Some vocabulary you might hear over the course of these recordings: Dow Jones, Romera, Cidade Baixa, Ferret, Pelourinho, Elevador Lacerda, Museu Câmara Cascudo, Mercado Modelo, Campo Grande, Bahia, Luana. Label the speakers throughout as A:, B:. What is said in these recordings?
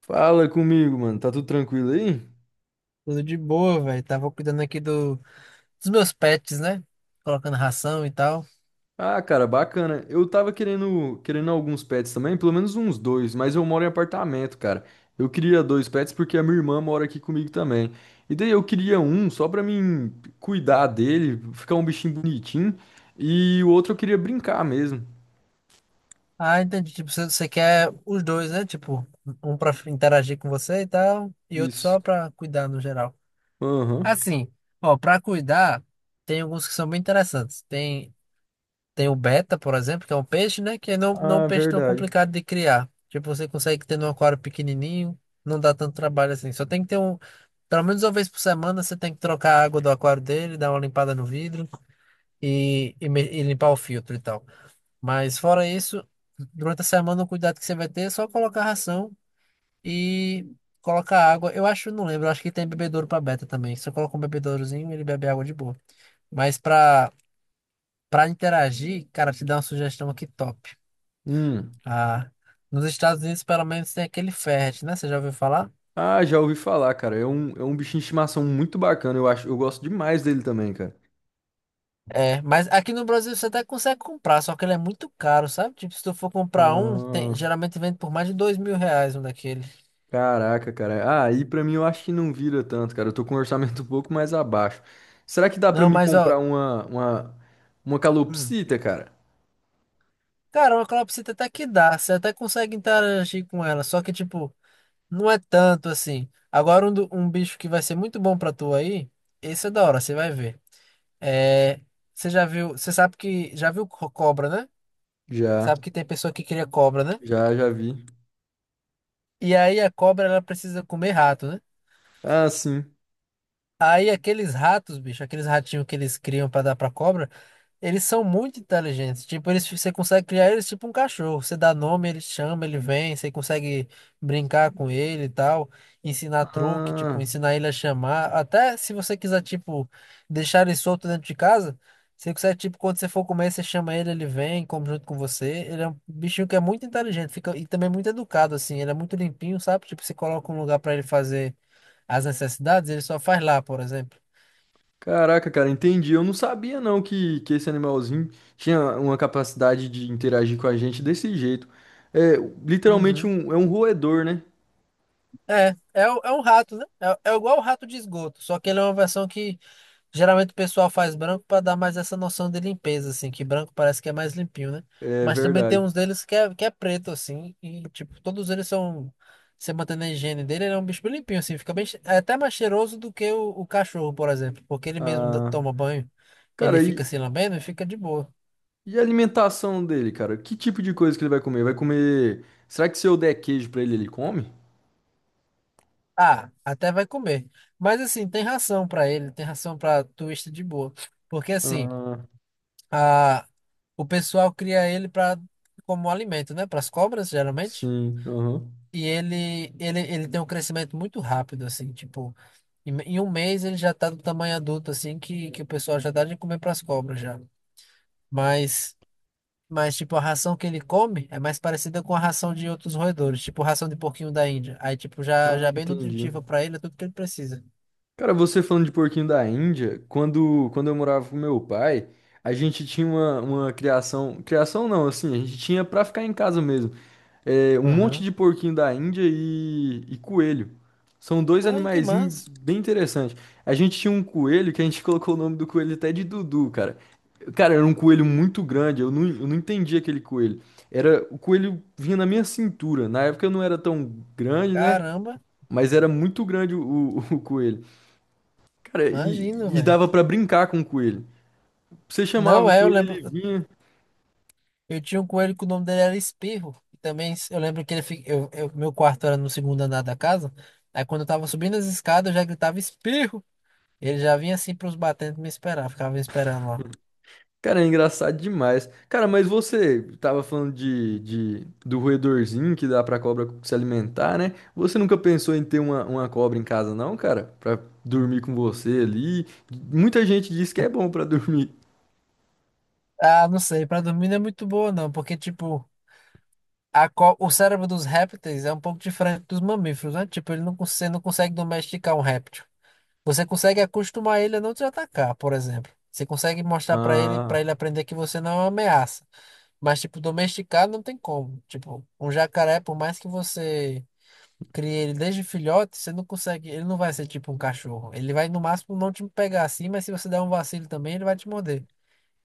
A: Fala comigo, mano. Tá tudo tranquilo aí?
B: Tudo de boa, velho. Tava cuidando aqui dos meus pets, né? Colocando ração e tal.
A: Ah, cara, bacana. Eu tava querendo alguns pets também, pelo menos uns dois, mas eu moro em apartamento, cara. Eu queria dois pets porque a minha irmã mora aqui comigo também. E daí eu queria um só pra mim cuidar dele, ficar um bichinho bonitinho, e o outro eu queria brincar mesmo.
B: Ah, entendi. Tipo, você quer os dois, né? Tipo, um pra interagir com você e tal, e outro
A: Isso.
B: só pra cuidar no geral.
A: Aham.
B: Assim, ó, pra cuidar, tem alguns que são bem interessantes. Tem o beta, por exemplo, que é um peixe, né? Que não é um
A: Ah,
B: peixe tão
A: verdade.
B: complicado de criar. Tipo, você consegue ter num aquário pequenininho, não dá tanto trabalho assim. Só tem que ter um. Pelo menos uma vez por semana você tem que trocar a água do aquário dele, dar uma limpada no vidro e limpar o filtro e tal. Mas fora isso, durante a semana o cuidado que você vai ter é só colocar ração e colocar água. Eu acho, não lembro, eu acho que tem bebedouro para beta também. Você coloca um bebedourozinho, ele bebe água de boa. Mas para interagir, cara, te dá uma sugestão aqui top.
A: Hum.
B: Ah, nos Estados Unidos pelo menos tem aquele Ferret, né? Você já ouviu falar?
A: Ah, já ouvi falar, cara. É um bichinho de estimação muito bacana. Eu acho, eu gosto demais dele também, cara.
B: É, mas aqui no Brasil você até consegue comprar, só que ele é muito caro, sabe? Tipo, se tu for comprar um, tem-
A: Ah.
B: geralmente vende por mais de R$ 2.000 um daquele.
A: Caraca, cara. Ah, e pra mim eu acho que não vira tanto, cara. Eu tô com um orçamento um pouco mais abaixo. Será que dá pra
B: Não,
A: mim
B: mas ó,
A: comprar uma
B: hum,
A: calopsita, cara?
B: cara, uma calopsita até que dá, você até consegue interagir com ela, só que tipo, não é tanto assim. Agora um, do- um bicho que vai ser muito bom pra tu aí, esse é da hora, você vai ver. É, você já viu, você sabe que, já viu cobra, né?
A: Já,
B: Sabe que tem pessoa que cria cobra, né?
A: já vi.
B: E aí a cobra ela precisa comer rato, né?
A: Ah, sim.
B: Aí aqueles ratos, bicho, aqueles ratinhos que eles criam pra dar pra cobra, eles são muito inteligentes. Tipo, eles, você consegue criar eles tipo um cachorro. Você dá nome, ele chama, ele vem. Você consegue brincar com ele e tal. Ensinar truque, tipo,
A: Ah,
B: ensinar ele a chamar. Até se você quiser, tipo, deixar ele solto dentro de casa, você consegue, tipo, quando você for comer, você chama ele, ele vem, come junto com você. Ele é um bichinho que é muito inteligente, fica, e também muito educado, assim. Ele é muito limpinho, sabe? Tipo, você coloca um lugar pra ele fazer as necessidades, ele só faz lá, por exemplo.
A: caraca, cara, entendi. Eu não sabia não que esse animalzinho tinha uma capacidade de interagir com a gente desse jeito. É, literalmente
B: Uhum.
A: é um roedor, né?
B: É, o- é um rato, né? É, é igual o rato de esgoto, só que ele é uma versão que geralmente o pessoal faz branco para dar mais essa noção de limpeza, assim, que branco parece que é mais limpinho, né?
A: É
B: Mas também tem
A: verdade.
B: uns deles que é preto, assim, e, tipo, todos eles são, você mantendo a higiene dele, ele é um bicho bem limpinho, assim, fica bem, che- é até mais cheiroso do que o cachorro, por exemplo, porque ele mesmo dá-
A: Ah,
B: toma banho, ele
A: cara,
B: fica
A: e
B: se lambendo e fica de boa.
A: E a alimentação dele, cara? Que tipo de coisa que ele vai comer? Vai comer. Será que se eu der queijo pra ele, ele come?
B: Ah, até vai comer. Mas, assim, tem ração para ele, tem ração para twist de boa, porque, assim.
A: Ah,
B: A, o pessoal cria ele para como alimento, né? Para as cobras, geralmente.
A: sim, aham.
B: E ele tem um crescimento muito rápido, assim, tipo, em um mês ele já tá do tamanho adulto, assim, que o pessoal já dá de comer para as cobras já. Mas, mas, tipo, a ração que ele come é mais parecida com a ração de outros roedores, tipo ração de porquinho da Índia. Aí, tipo, já
A: Ah,
B: é bem
A: entendi.
B: nutritiva para ele, é tudo que ele precisa.
A: Cara, você falando de porquinho da Índia, quando eu morava com meu pai, a gente tinha uma criação. Criação não, assim, a gente tinha pra ficar em casa mesmo. É, um monte
B: Aham.
A: de porquinho da Índia e coelho. São dois
B: Ai, que
A: animaizinhos
B: massa.
A: bem interessantes. A gente tinha um coelho que a gente colocou o nome do coelho até de Dudu, cara. Cara, era um coelho muito grande, eu não entendi aquele coelho. Era, o coelho vinha na minha cintura. Na época eu não era tão grande, né?
B: Caramba,
A: Mas era muito grande o coelho. Cara,
B: imagino,
A: e
B: velho.
A: dava pra brincar com o coelho. Você chamava
B: Não,
A: o
B: é, eu
A: coelho,
B: lembro.
A: ele vinha.
B: Eu tinha um coelho que o nome dele era Espirro. E também s- eu lembro que ele fi- eu- meu quarto era no segundo andar da casa. Aí quando eu tava subindo as escadas, eu já gritava Espirro. Ele já vinha assim pros batentes me esperar, ficava me esperando lá.
A: Cara, é engraçado demais. Cara, mas você tava falando de- do roedorzinho que dá pra cobra se alimentar, né? Você nunca pensou em ter uma cobra em casa, não, cara? Pra dormir com você ali? Muita gente diz que é bom pra dormir.
B: Ah, não sei, pra dormir não é muito boa não, porque tipo, a co- o cérebro dos répteis é um pouco diferente dos mamíferos, né? Tipo, ele não, você não consegue domesticar um réptil. Você consegue acostumar ele a não te atacar, por exemplo. Você consegue mostrar pra ele, para
A: Ah,
B: ele aprender que você não é uma ameaça. Mas, tipo, domesticado não tem como. Tipo, um jacaré, por mais que você crie ele desde filhote, você não consegue. Ele não vai ser tipo um cachorro. Ele vai, no máximo, não te pegar assim, mas se você der um vacilo também, ele vai te morder.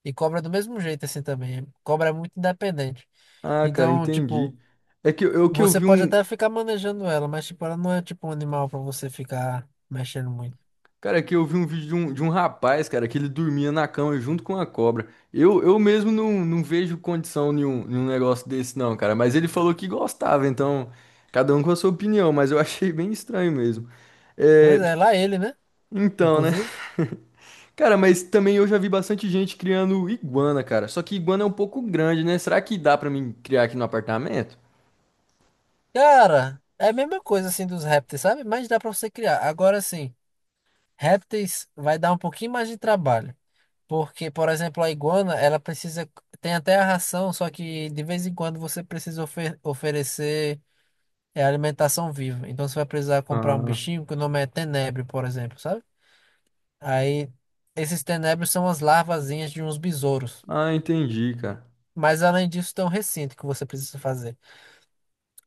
B: E cobra do mesmo jeito, assim também. Cobra é muito independente.
A: ah, cara,
B: Então, tipo,
A: entendi. É que eu
B: você
A: vi
B: pode
A: um.
B: até ficar manejando ela, mas, tipo, ela não é tipo um animal pra você ficar mexendo muito.
A: Cara, aqui eu vi um vídeo de um rapaz, cara, que ele dormia na cama junto com a cobra. Eu mesmo não, não vejo condição nenhum negócio desse, não, cara. Mas ele falou que gostava, então, cada um com a sua opinião, mas eu achei bem estranho mesmo. É,
B: Pois é, lá ele, né?
A: então, né?
B: Inclusive.
A: Cara, mas também eu já vi bastante gente criando iguana, cara. Só que iguana é um pouco grande, né? Será que dá pra mim criar aqui no apartamento?
B: Cara, é a mesma coisa, assim, dos répteis, sabe? Mas dá pra você criar. Agora, sim. Répteis vai dar um pouquinho mais de trabalho, porque, por exemplo, a iguana, ela precisa, tem até a ração, só que de vez em quando você precisa oferecer alimentação viva. Então você vai precisar comprar um
A: Ah,
B: bichinho que o nome é tenebro, por exemplo, sabe? Aí esses tenebros são as larvazinhas de uns besouros.
A: ah, entendi, cara.
B: Mas além disso, tem um recinto que você precisa fazer.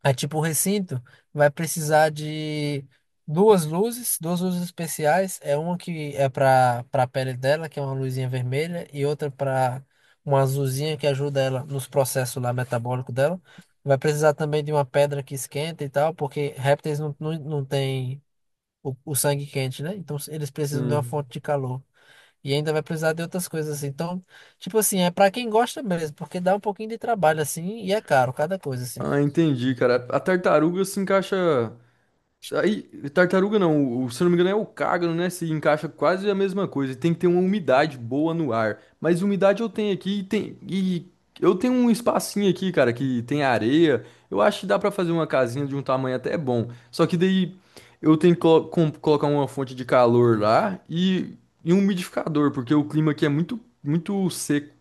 B: Aí, tipo, o recinto vai precisar de duas luzes especiais. É uma que é para a pele dela, que é uma luzinha vermelha, e outra para uma azulzinha que ajuda ela nos processos lá metabólicos dela. Vai precisar também de uma pedra que esquenta e tal, porque répteis não têm o sangue quente, né? Então eles precisam de uma
A: Sim.
B: fonte de calor. E ainda vai precisar de outras coisas assim. Então, tipo assim, é para quem gosta mesmo, porque dá um pouquinho de trabalho assim e é caro cada coisa assim.
A: Ah, entendi, cara. A tartaruga se encaixa. Aí, tartaruga não, o, se eu não me engano é o cágano, né? Se encaixa quase a mesma coisa. Tem que ter uma umidade boa no ar. Mas umidade eu tenho aqui e tem e eu tenho um espacinho aqui, cara, que tem areia. Eu acho que dá pra fazer uma casinha de um tamanho até bom. Só que daí eu tenho que colocar uma fonte de calor lá e um umidificador, porque o clima aqui é muito seco.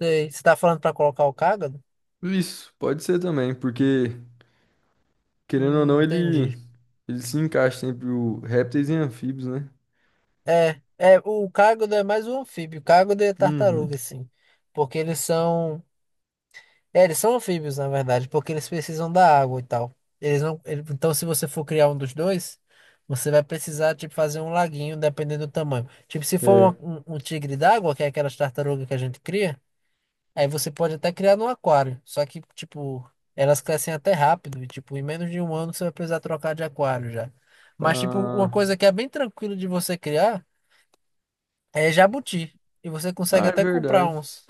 B: Sei. Você tá falando pra colocar o cágado?
A: Isso, pode ser também, porque querendo ou não
B: Entendi.
A: ele se encaixa sempre o répteis e anfíbios, né?
B: É, o cágado é mais um anfíbio. O cágado é
A: Uhum.
B: tartaruga, assim. Porque eles são. É, eles são anfíbios, na verdade, porque eles precisam da água e tal. Eles não. Então, se você for criar um dos dois, você vai precisar, tipo, fazer um laguinho, dependendo do tamanho. Tipo, se
A: É.
B: for um tigre d'água, que é aquelas tartarugas que a gente cria. Aí você pode até criar no aquário. Só que, tipo, elas crescem até rápido. E, tipo, em menos de um ano você vai precisar trocar de aquário já. Mas, tipo, uma
A: Ah,
B: coisa que é bem tranquilo de você criar é jabuti. E você consegue
A: ah, é
B: até comprar
A: verdade.
B: uns.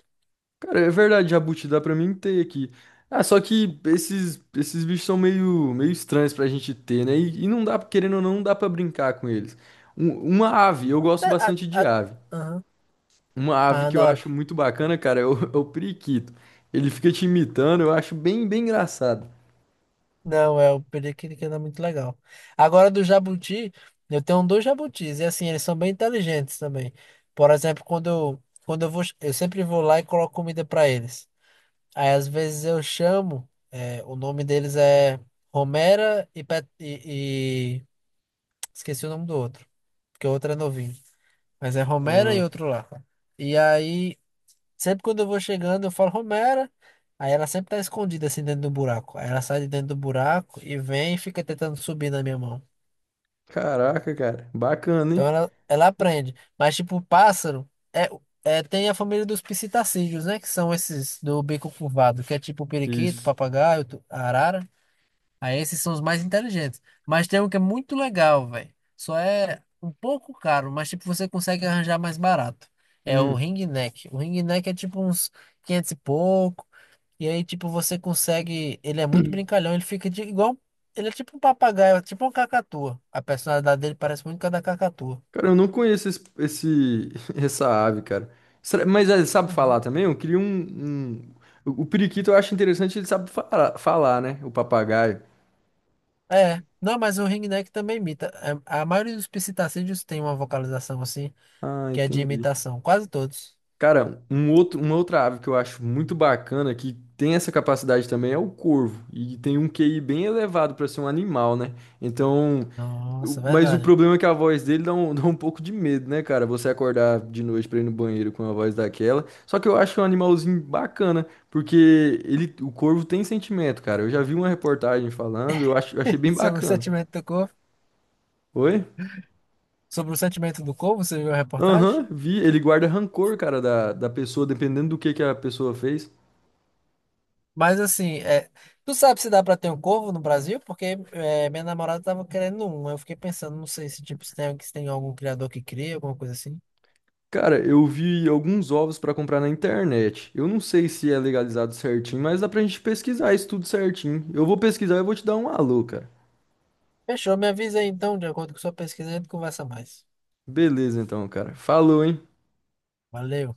A: Cara, é verdade, jabuti, dá pra mim ter aqui. Ah, só que esses bichos são meio estranhos pra gente ter, né? E não dá, querendo ou não, não dá pra brincar com eles. Um- uma ave, eu gosto
B: até- a-
A: bastante de
B: a-
A: ave.
B: Aham.
A: Uma ave
B: Ah,
A: que eu
B: da hora.
A: acho muito bacana, cara, é o, é o periquito. Ele fica te imitando, eu acho bem, bem engraçado.
B: Não, é o periquito que não é muito legal. Agora do jabuti, eu tenho dois jabutis. E assim, eles são bem inteligentes também. Por exemplo, quando eu vou, eu sempre vou lá e coloco comida pra eles. Aí às vezes eu chamo, é, o nome deles é Romera e esqueci o nome do outro, porque o outro é novinho. Mas é Romera e
A: Ah,
B: outro lá. E aí, sempre quando eu vou chegando, eu falo Romera. Aí ela sempre tá escondida assim dentro do buraco. Aí ela sai de dentro do buraco e vem e fica tentando subir na minha mão.
A: caraca, cara, bacana,
B: Então
A: hein?
B: ela aprende. Mas tipo, o pássaro tem a família dos psitacídeos, né? Que são esses do bico curvado, que é tipo o periquito,
A: Isso.
B: papagaio, arara. Aí esses são os mais inteligentes. Mas tem um que é muito legal, velho. Só é um pouco caro, mas tipo, você consegue arranjar mais barato. É o
A: Hum.
B: ring neck. O ring neck é tipo uns 500 e pouco. E aí, tipo, você consegue. Ele é muito brincalhão, ele fica igual. Ele é tipo um papagaio, é tipo uma cacatua. A personalidade dele parece muito com a da cacatua.
A: Cara, eu não conheço essa ave, cara. Será- Mas ele sabe
B: Uhum.
A: falar também? Eu queria um, um- O o periquito eu acho interessante, ele sabe fala- falar, né? O papagaio.
B: É, não, mas o ringneck também imita. É, a maioria dos psitacídeos tem uma vocalização assim,
A: Ah,
B: que é de
A: entendi.
B: imitação, quase todos.
A: Cara, uma outra ave que eu acho muito bacana, que tem essa capacidade também, é o corvo. E tem um QI bem elevado para ser um animal, né? Então, O-
B: Nossa,
A: Mas o
B: verdade.
A: problema é que a voz dele dá um, dá um pouco de medo, né, cara? Você acordar de noite pra ir no banheiro com uma voz daquela. Só que eu acho um animalzinho bacana, porque ele, o corvo tem sentimento, cara. Eu já vi uma reportagem falando, eu acho, eu achei bem
B: sobre o
A: bacana.
B: sentimento do corpo,
A: Oi?
B: Sobre o sentimento do corvo, você viu a reportagem?
A: Aham, vi. Ele guarda rancor, cara, da pessoa, dependendo do que a pessoa fez.
B: Mas assim, tu sabe se dá pra ter um corvo no Brasil? Porque é, minha namorada tava querendo um. Aí eu fiquei pensando, não sei se tipo se tem algum criador que cria, alguma coisa assim.
A: Cara, eu vi alguns ovos pra comprar na internet. Eu não sei se é legalizado certinho, mas dá pra gente pesquisar isso tudo certinho. Eu vou pesquisar e eu vou te dar um alô, cara.
B: Fechou, me avisa aí então, de acordo com sua pesquisa, a gente conversa mais.
A: Beleza, então, cara. Falou, hein?
B: Valeu.